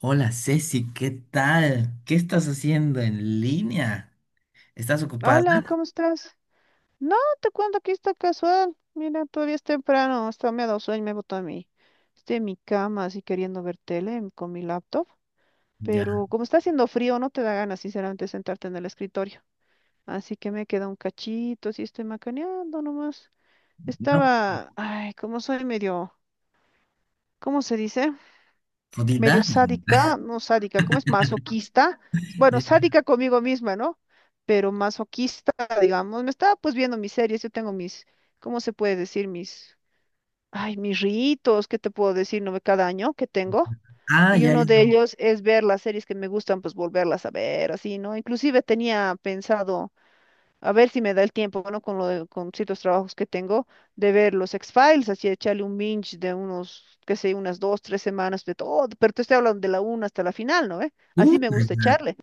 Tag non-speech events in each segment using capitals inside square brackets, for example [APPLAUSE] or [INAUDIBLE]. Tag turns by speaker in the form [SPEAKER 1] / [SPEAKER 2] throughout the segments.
[SPEAKER 1] Hola Ceci, ¿qué tal? ¿Qué estás haciendo en línea? ¿Estás ocupada?
[SPEAKER 2] Hola, ¿cómo estás? No, te cuento que está casual. Mira, todavía es temprano, hasta me ha dado sueño, me he botado a mi, estoy en mi cama así queriendo ver tele con mi laptop,
[SPEAKER 1] Ya,
[SPEAKER 2] pero como está haciendo frío no te da ganas sinceramente sentarte en el escritorio, así que me queda un cachito, así estoy macaneando nomás.
[SPEAKER 1] no,
[SPEAKER 2] Estaba, ay, como soy medio, ¿cómo se dice? Medio
[SPEAKER 1] jodida.
[SPEAKER 2] sádica, no sádica, ¿cómo es? Masoquista. Bueno,
[SPEAKER 1] Ya.
[SPEAKER 2] sádica conmigo misma, ¿no? Pero masoquista, digamos. Me estaba pues viendo mis series, yo tengo mis, ¿cómo se puede decir? Mis, ay, mis ritos, ¿qué te puedo decir? No, cada año que tengo.
[SPEAKER 1] Ah,
[SPEAKER 2] Y
[SPEAKER 1] ya, ya.
[SPEAKER 2] uno de Ujú. Ellos es ver las series que me gustan, pues volverlas a ver, así, ¿no? Inclusive tenía pensado a ver si me da el tiempo, bueno, con ciertos trabajos que tengo, de ver los X-Files, así echarle un binge de unos, qué sé, unas dos, tres semanas de todo, pero te estoy hablando de la una hasta la final, ¿no ve?
[SPEAKER 1] Tú,
[SPEAKER 2] Así me gusta
[SPEAKER 1] ya,
[SPEAKER 2] echarle,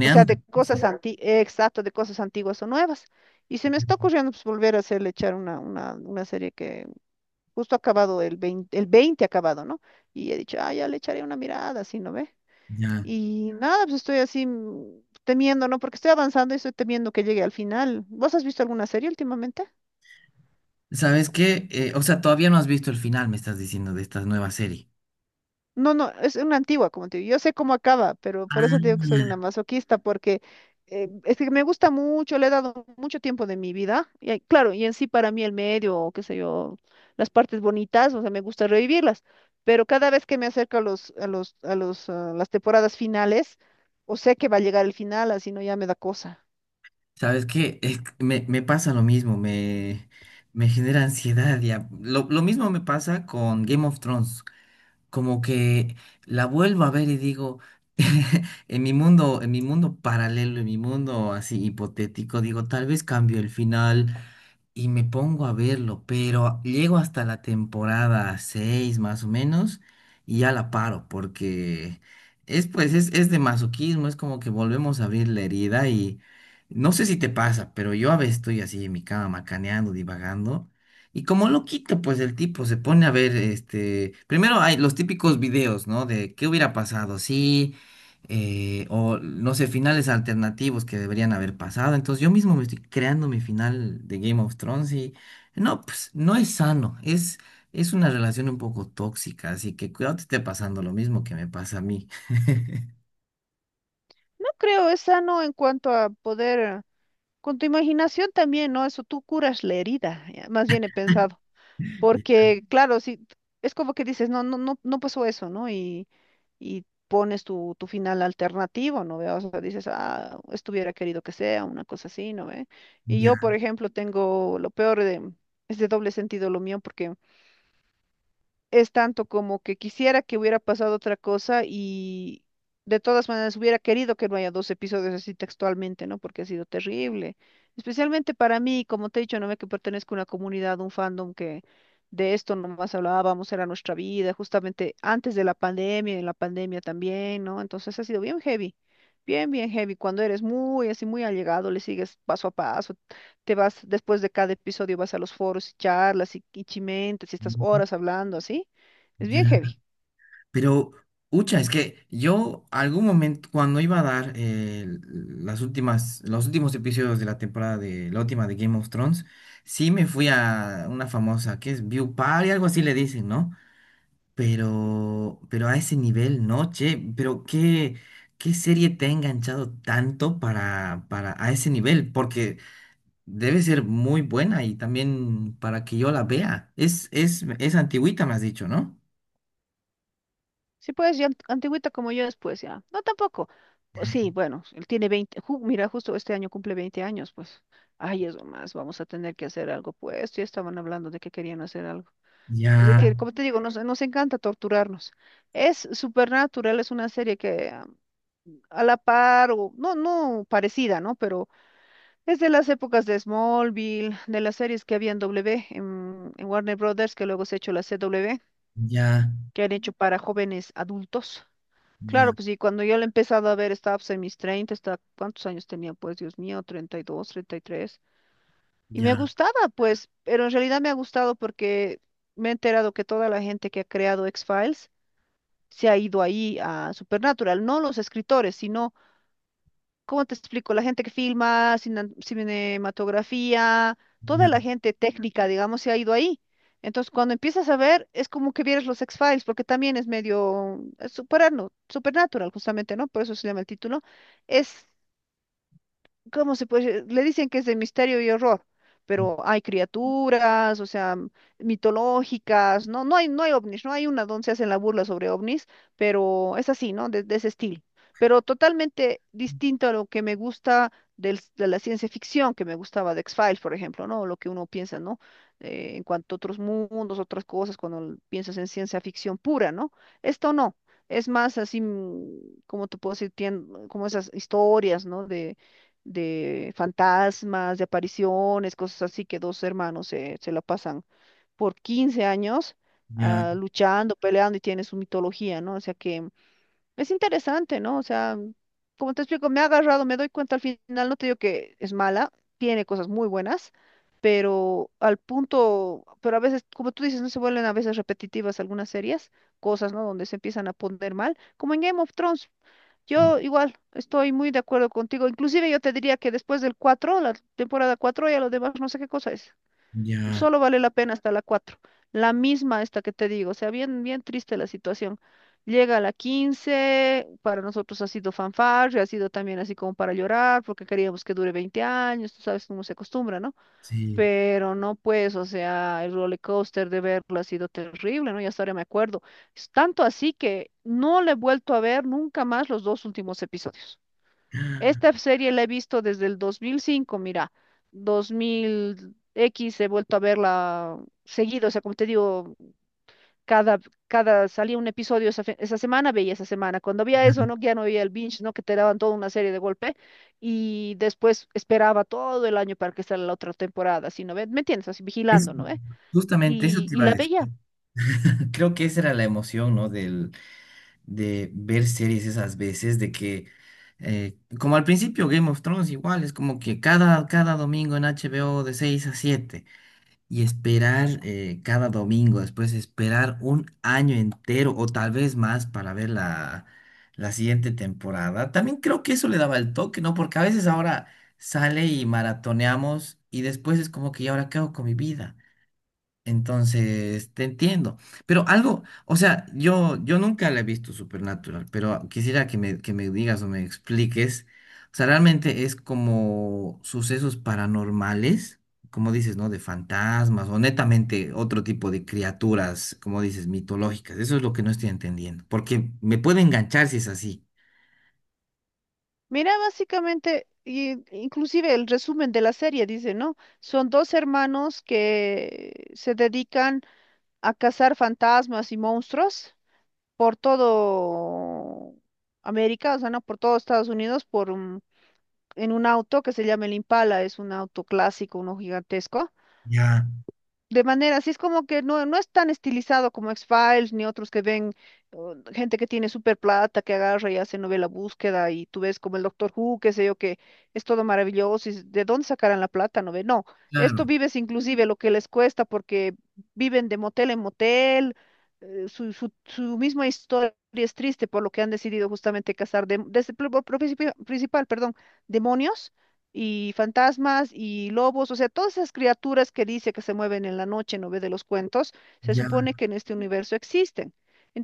[SPEAKER 2] o sea, de cosas
[SPEAKER 1] entonces.
[SPEAKER 2] antiguas, exacto, de cosas antiguas o nuevas. Y se me está ocurriendo pues, volver a hacerle echar una serie que justo ha acabado el veinte ha acabado, ¿no? Y he dicho, ah, ya le echaré una mirada, así, ¿no ve?
[SPEAKER 1] Ya.
[SPEAKER 2] Y nada, pues estoy así temiendo, ¿no? Porque estoy avanzando y estoy temiendo que llegue al final. ¿Vos has visto alguna serie últimamente?
[SPEAKER 1] ¿Sabes qué? O sea, todavía no has visto el final, me estás diciendo, de esta nueva serie.
[SPEAKER 2] No, no, es una antigua, como te digo. Yo sé cómo acaba, pero por eso te digo que soy
[SPEAKER 1] Ah,
[SPEAKER 2] una masoquista, porque es que me gusta mucho, le he dado mucho tiempo de mi vida. Claro, y en sí para mí el medio, o qué sé yo, las partes bonitas, o sea, me gusta revivirlas. Pero cada vez que me acerco a las temporadas finales, o sé que va a llegar el final, así no ya me da cosa.
[SPEAKER 1] ¿sabes qué? Es que me pasa lo mismo, me genera ansiedad ya. Lo mismo me pasa con Game of Thrones. Como que la vuelvo a ver y digo, [LAUGHS] en mi mundo paralelo, en mi mundo así hipotético, digo, tal vez cambio el final, y me pongo a verlo, pero llego hasta la temporada 6 más o menos y ya la paro porque es pues es de masoquismo, es como que volvemos a abrir la herida y no sé si te pasa, pero yo a veces estoy así en mi cama macaneando, divagando. Y como lo quito, pues el tipo se pone a ver, este, primero hay los típicos videos, ¿no? De qué hubiera pasado, si o no sé, finales alternativos que deberían haber pasado. Entonces yo mismo me estoy creando mi final de Game of Thrones y no, pues no es sano, es una relación un poco tóxica, así que cuidado te esté pasando lo mismo que me pasa a mí. [LAUGHS]
[SPEAKER 2] No creo, es sano en cuanto a poder, con tu imaginación también, ¿no? Eso tú curas la herida, ya, más bien he pensado, porque claro, si es como que dices, no, no, no, no pasó eso, ¿no? Y pones tu final alternativo, ¿no ve? O sea, dices, ah, estuviera querido que sea, una cosa así, ¿no ve? Y yo,
[SPEAKER 1] Ya,
[SPEAKER 2] por ejemplo, tengo lo peor de, es de doble sentido lo mío, porque es tanto como que quisiera que hubiera pasado otra cosa y de todas maneras hubiera querido que no haya dos episodios así textualmente, ¿no? Porque ha sido terrible. Especialmente para mí, como te he dicho, no me que pertenezco a una comunidad, un fandom que de esto nomás hablábamos, era nuestra vida, justamente antes de la pandemia, y en la pandemia también, ¿no? Entonces ha sido bien heavy. Bien, bien heavy. Cuando eres muy así, muy allegado, le sigues paso a paso, te vas, después de cada episodio vas a los foros y charlas y chimentes y estás horas hablando así. Es
[SPEAKER 1] ya.
[SPEAKER 2] bien heavy.
[SPEAKER 1] Pero, ucha, es que yo algún momento, cuando iba a dar las últimas, los últimos episodios de la temporada de la última de Game of Thrones, sí me fui a una famosa, que es View Party, algo así le dicen, ¿no? Pero a ese nivel, no, che, pero qué serie te ha enganchado tanto para a ese nivel, porque debe ser muy buena y también para que yo la vea. Es antigüita, me has dicho, ¿no?
[SPEAKER 2] Sí, pues, ya antigüita como yo después, ya. No, tampoco. Pues sí, bueno, él tiene mira, justo este año cumple 20 años, pues. Ay, eso más, vamos a tener que hacer algo, pues. Ya estaban hablando de que querían hacer algo. Es de
[SPEAKER 1] Ya,
[SPEAKER 2] que, como te digo, nos, nos encanta torturarnos. Es Supernatural, es una serie que a la par, o no, no parecida, ¿no? Pero es de las épocas de Smallville, de las series que había en Warner Brothers, que luego se ha hecho la CW,
[SPEAKER 1] ya,
[SPEAKER 2] que han hecho para jóvenes adultos.
[SPEAKER 1] ya,
[SPEAKER 2] Claro, pues y cuando yo la he empezado a ver, estaba pues, en mis 30, estaba, ¿cuántos años tenía? Pues Dios mío, treinta y dos, treinta y tres. Y me
[SPEAKER 1] ya,
[SPEAKER 2] gustaba, pues, pero en realidad me ha gustado porque me he enterado que toda la gente que ha creado X-Files se ha ido ahí a Supernatural, no los escritores, sino. ¿Cómo te explico? La gente que filma, cinematografía, toda
[SPEAKER 1] ya,
[SPEAKER 2] la gente técnica, digamos, se ha ido ahí. Entonces, cuando empiezas a ver, es como que vieras los X-Files, porque también es medio supernatural, justamente, ¿no? Por eso se llama el título. Es ¿cómo se puede? Le dicen que es de misterio y horror, pero hay criaturas, o sea, mitológicas, no, no hay ovnis, no hay una donde se hacen la burla sobre ovnis, pero es así, ¿no? De ese estilo. Pero totalmente distinto a lo que me gusta de la ciencia ficción, que me gustaba de X-Files, por ejemplo, ¿no? Lo que uno piensa, ¿no? En cuanto a otros mundos, otras cosas, cuando piensas en ciencia ficción pura, ¿no? Esto no. Es más así, como te puedo decir, como esas historias, ¿no? De fantasmas, de apariciones, cosas así, que dos hermanos se la pasan por 15 años
[SPEAKER 1] ya,
[SPEAKER 2] luchando, peleando y tiene su mitología, ¿no? O sea que es interesante, ¿no? O sea, como te explico, me ha agarrado, me doy cuenta al final, no te digo que es mala, tiene cosas muy buenas. Pero al punto, pero a veces, como tú dices, no se vuelven a veces repetitivas algunas series, cosas, ¿no? Donde se empiezan a poner mal, como en Game of Thrones.
[SPEAKER 1] sí,
[SPEAKER 2] Yo igual estoy muy de acuerdo contigo. Inclusive yo te diría que después del 4 la temporada 4, ya lo demás no sé qué cosa es.
[SPEAKER 1] ya,
[SPEAKER 2] Solo vale la pena hasta la 4. La misma esta que te digo. O sea, bien, bien triste la situación. Llega a la 15 para nosotros ha sido fanfarria, ha sido también así como para llorar, porque queríamos que dure 20 años, tú sabes cómo se acostumbra, ¿no?
[SPEAKER 1] sí.
[SPEAKER 2] Pero no, pues, o sea, el roller coaster de verlo ha sido terrible, ¿no? Ya hasta ahora me acuerdo. Es tanto así que no le he vuelto a ver nunca más los dos últimos episodios.
[SPEAKER 1] [GASPS]
[SPEAKER 2] Esta serie la he visto desde el 2005, mira, 2000X he vuelto a verla seguido, o sea, como te digo, cada, cada salía un episodio esa, esa semana, veía esa semana. Cuando había eso, ¿no? Ya no había el binge, ¿no? Que te daban toda una serie de golpe y después esperaba todo el año para que saliera la otra temporada, así, ¿no ve? ¿Me entiendes? Así
[SPEAKER 1] Es,
[SPEAKER 2] vigilando, ¿no ve?
[SPEAKER 1] justamente eso
[SPEAKER 2] Y,
[SPEAKER 1] te
[SPEAKER 2] y
[SPEAKER 1] iba a
[SPEAKER 2] la
[SPEAKER 1] decir.
[SPEAKER 2] veía.
[SPEAKER 1] [LAUGHS] Creo que esa era la emoción, ¿no? del de ver series esas veces, de que, como al principio Game of Thrones igual, es como que cada domingo en HBO de 6 a 7 y esperar cada domingo, después esperar un año entero o tal vez más para ver la siguiente temporada. También creo que eso le daba el toque, ¿no? Porque a veces ahora sale y maratoneamos y después es como que, ¿y ahora qué hago con mi vida? Entonces, te entiendo. Pero algo, o sea, yo nunca la he visto Supernatural, pero quisiera que me digas o me expliques. O sea, realmente es como sucesos paranormales, como dices, ¿no? De fantasmas o netamente otro tipo de criaturas, como dices, mitológicas. Eso es lo que no estoy entendiendo, porque me puede enganchar si es así.
[SPEAKER 2] Mira, básicamente, inclusive el resumen de la serie dice, ¿no? Son dos hermanos que se dedican a cazar fantasmas y monstruos por todo América, o sea, no por todo Estados Unidos, por un en un auto que se llama el Impala, es un auto clásico, uno gigantesco.
[SPEAKER 1] Ya,
[SPEAKER 2] De manera, así es como que no, no es tan estilizado como X-Files ni otros que ven gente que tiene super plata, que agarra y hace novela búsqueda y tú ves como el Doctor Who, qué sé yo, que es todo maravilloso y de dónde sacarán la plata, no ve. No, esto
[SPEAKER 1] claro,
[SPEAKER 2] vives inclusive lo que les cuesta porque viven de motel en motel, su misma historia es triste por lo que han decidido justamente casar, de, desde, principal, perdón, demonios y fantasmas y lobos, o sea, todas esas criaturas que dice que se mueven en la noche, ¿no ve? De los cuentos, se
[SPEAKER 1] ya,
[SPEAKER 2] supone que en este universo existen.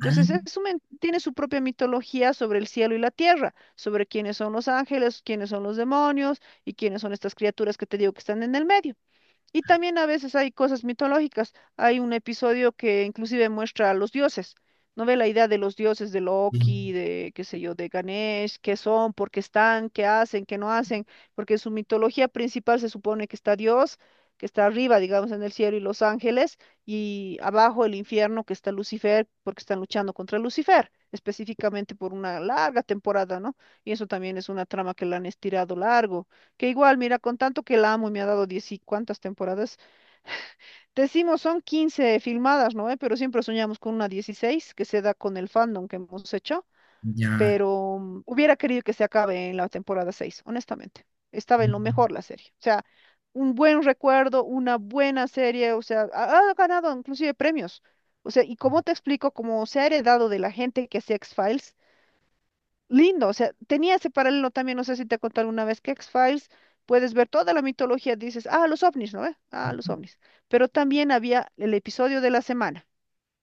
[SPEAKER 1] ah,
[SPEAKER 2] es tiene su propia mitología sobre el cielo y la tierra, sobre quiénes son los ángeles, quiénes son los demonios y quiénes son estas criaturas que te digo que están en el medio. Y también a veces hay cosas mitológicas. Hay un episodio que inclusive muestra a los dioses. ¿No ve la idea de los dioses de
[SPEAKER 1] sí,
[SPEAKER 2] Loki, de qué sé yo, de Ganesh, qué son, por qué están, qué hacen, qué no hacen? Porque en su mitología principal se supone que está Dios, que está arriba, digamos, en el cielo y los ángeles, y abajo el infierno, que está Lucifer, porque están luchando contra Lucifer, específicamente por una larga temporada, ¿no? Y eso también es una trama que la han estirado largo, que igual, mira, con tanto que la amo y me ha dado diez y cuántas temporadas, decimos son 15 filmadas, ¿no? ¿Eh? Pero siempre soñamos con una 16 que se da con el fandom que hemos hecho,
[SPEAKER 1] ya,
[SPEAKER 2] pero hubiera querido que se acabe en la temporada 6 honestamente. Estaba en lo
[SPEAKER 1] ujú,
[SPEAKER 2] mejor la serie. O sea, un buen recuerdo, una buena serie, o sea, ha, ha ganado inclusive premios. O sea, y como te explico, como se ha heredado de la gente que hacía x Files lindo, o sea, tenía ese paralelo también, no sé si te conté alguna vez que X-Files, puedes ver toda la mitología, dices, ah, los ovnis, ¿no? Eh, ah, los
[SPEAKER 1] ujú,
[SPEAKER 2] ovnis. Pero también había el episodio de la semana.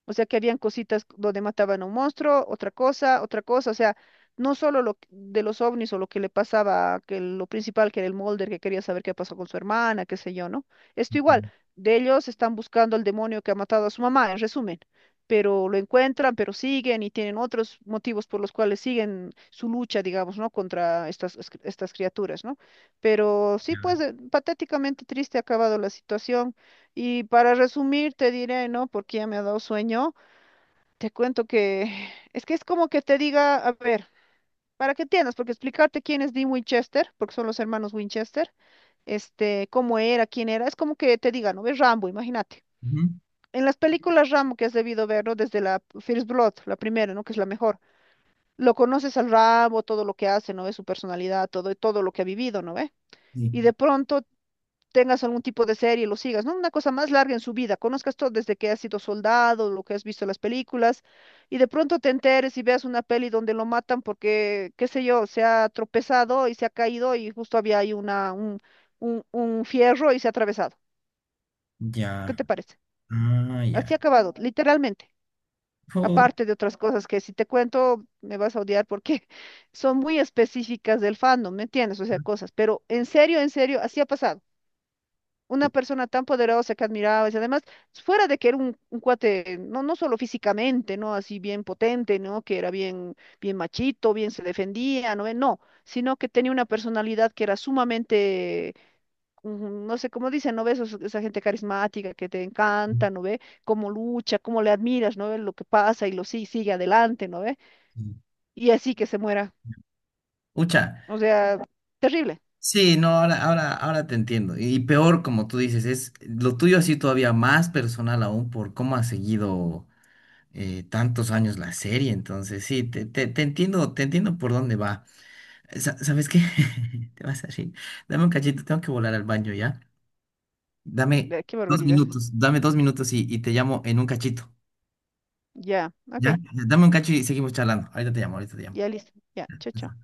[SPEAKER 2] O sea, que habían cositas donde mataban a un monstruo, otra cosa, otra cosa. O sea, no solo de los ovnis o lo que le pasaba, que lo principal que era el Mulder, que quería saber qué pasó con su hermana, qué sé yo, ¿no? Esto igual,
[SPEAKER 1] ujú,
[SPEAKER 2] de ellos están buscando al demonio que ha matado a su mamá, en resumen. Pero lo encuentran, pero siguen y tienen otros motivos por los cuales siguen su lucha, digamos, ¿no? Contra estas, estas criaturas, ¿no? Pero sí, pues,
[SPEAKER 1] ya,
[SPEAKER 2] patéticamente triste ha acabado la situación. Y para resumir, te diré, ¿no? Porque ya me ha dado sueño, te cuento que [SIGHS] es que es como que te diga, a ver, para que entiendas, porque explicarte quién es Dean Winchester, porque son los hermanos Winchester, este, cómo era, quién era, es como que te diga, ¿no? Ves Rambo, imagínate.
[SPEAKER 1] ujú,
[SPEAKER 2] En las películas Rambo que has debido ver, ¿no? Desde la First Blood, la primera, ¿no? Que es la mejor. Lo conoces al Rambo, todo lo que hace, ¿no ve? Su personalidad, todo, todo lo que ha vivido, ¿no ve?
[SPEAKER 1] sí,
[SPEAKER 2] Y de pronto tengas algún tipo de serie y lo sigas, ¿no? Una cosa más larga en su vida, conozcas todo desde que has sido soldado, lo que has visto en las películas, y de pronto te enteres y veas una peli donde lo matan porque, qué sé yo, se ha tropezado y se ha caído y justo había ahí un fierro y se ha atravesado. ¿Qué
[SPEAKER 1] ya.
[SPEAKER 2] te parece?
[SPEAKER 1] Ah, ya.
[SPEAKER 2] Así ha acabado, literalmente.
[SPEAKER 1] Pu-
[SPEAKER 2] Aparte de otras cosas que si te cuento me vas a odiar porque [LAUGHS] son muy específicas del fandom, ¿me entiendes? O sea, cosas, pero en serio, así ha pasado. Una persona tan poderosa que admirabas, y además, fuera de que era un cuate, no, no solo físicamente, ¿no? Así bien potente, ¿no? Que era bien, bien machito, bien se defendía, ¿no ve? No, sino que tenía una personalidad que era sumamente, no sé cómo dicen, ¿no ves? Esos- Esa gente carismática que te encanta, ¿no ve? Cómo lucha, cómo le admiras, ¿no ve? Lo que pasa y lo sí, sigue adelante, ¿no ve? Y así que se muera.
[SPEAKER 1] Ucha.
[SPEAKER 2] O sea, terrible.
[SPEAKER 1] Sí, no, ahora, ahora, ahora te entiendo. Y peor, como tú dices, es lo tuyo así todavía más personal aún por cómo has seguido tantos años la serie. Entonces, sí, te entiendo, te entiendo por dónde va. ¿Sabes qué? [LAUGHS] Te vas a reír. Dame un cachito, tengo que volar al baño, ¿ya? Dame
[SPEAKER 2] Ve, qué
[SPEAKER 1] dos
[SPEAKER 2] barbaridad.
[SPEAKER 1] minutos, dame 2 minutos y te llamo en un cachito,
[SPEAKER 2] Ya, ok.
[SPEAKER 1] ¿ya? Dame un cacho y seguimos charlando. Ahorita te llamo, ahorita te llamo.
[SPEAKER 2] Ya listo. Ya, chao, chao.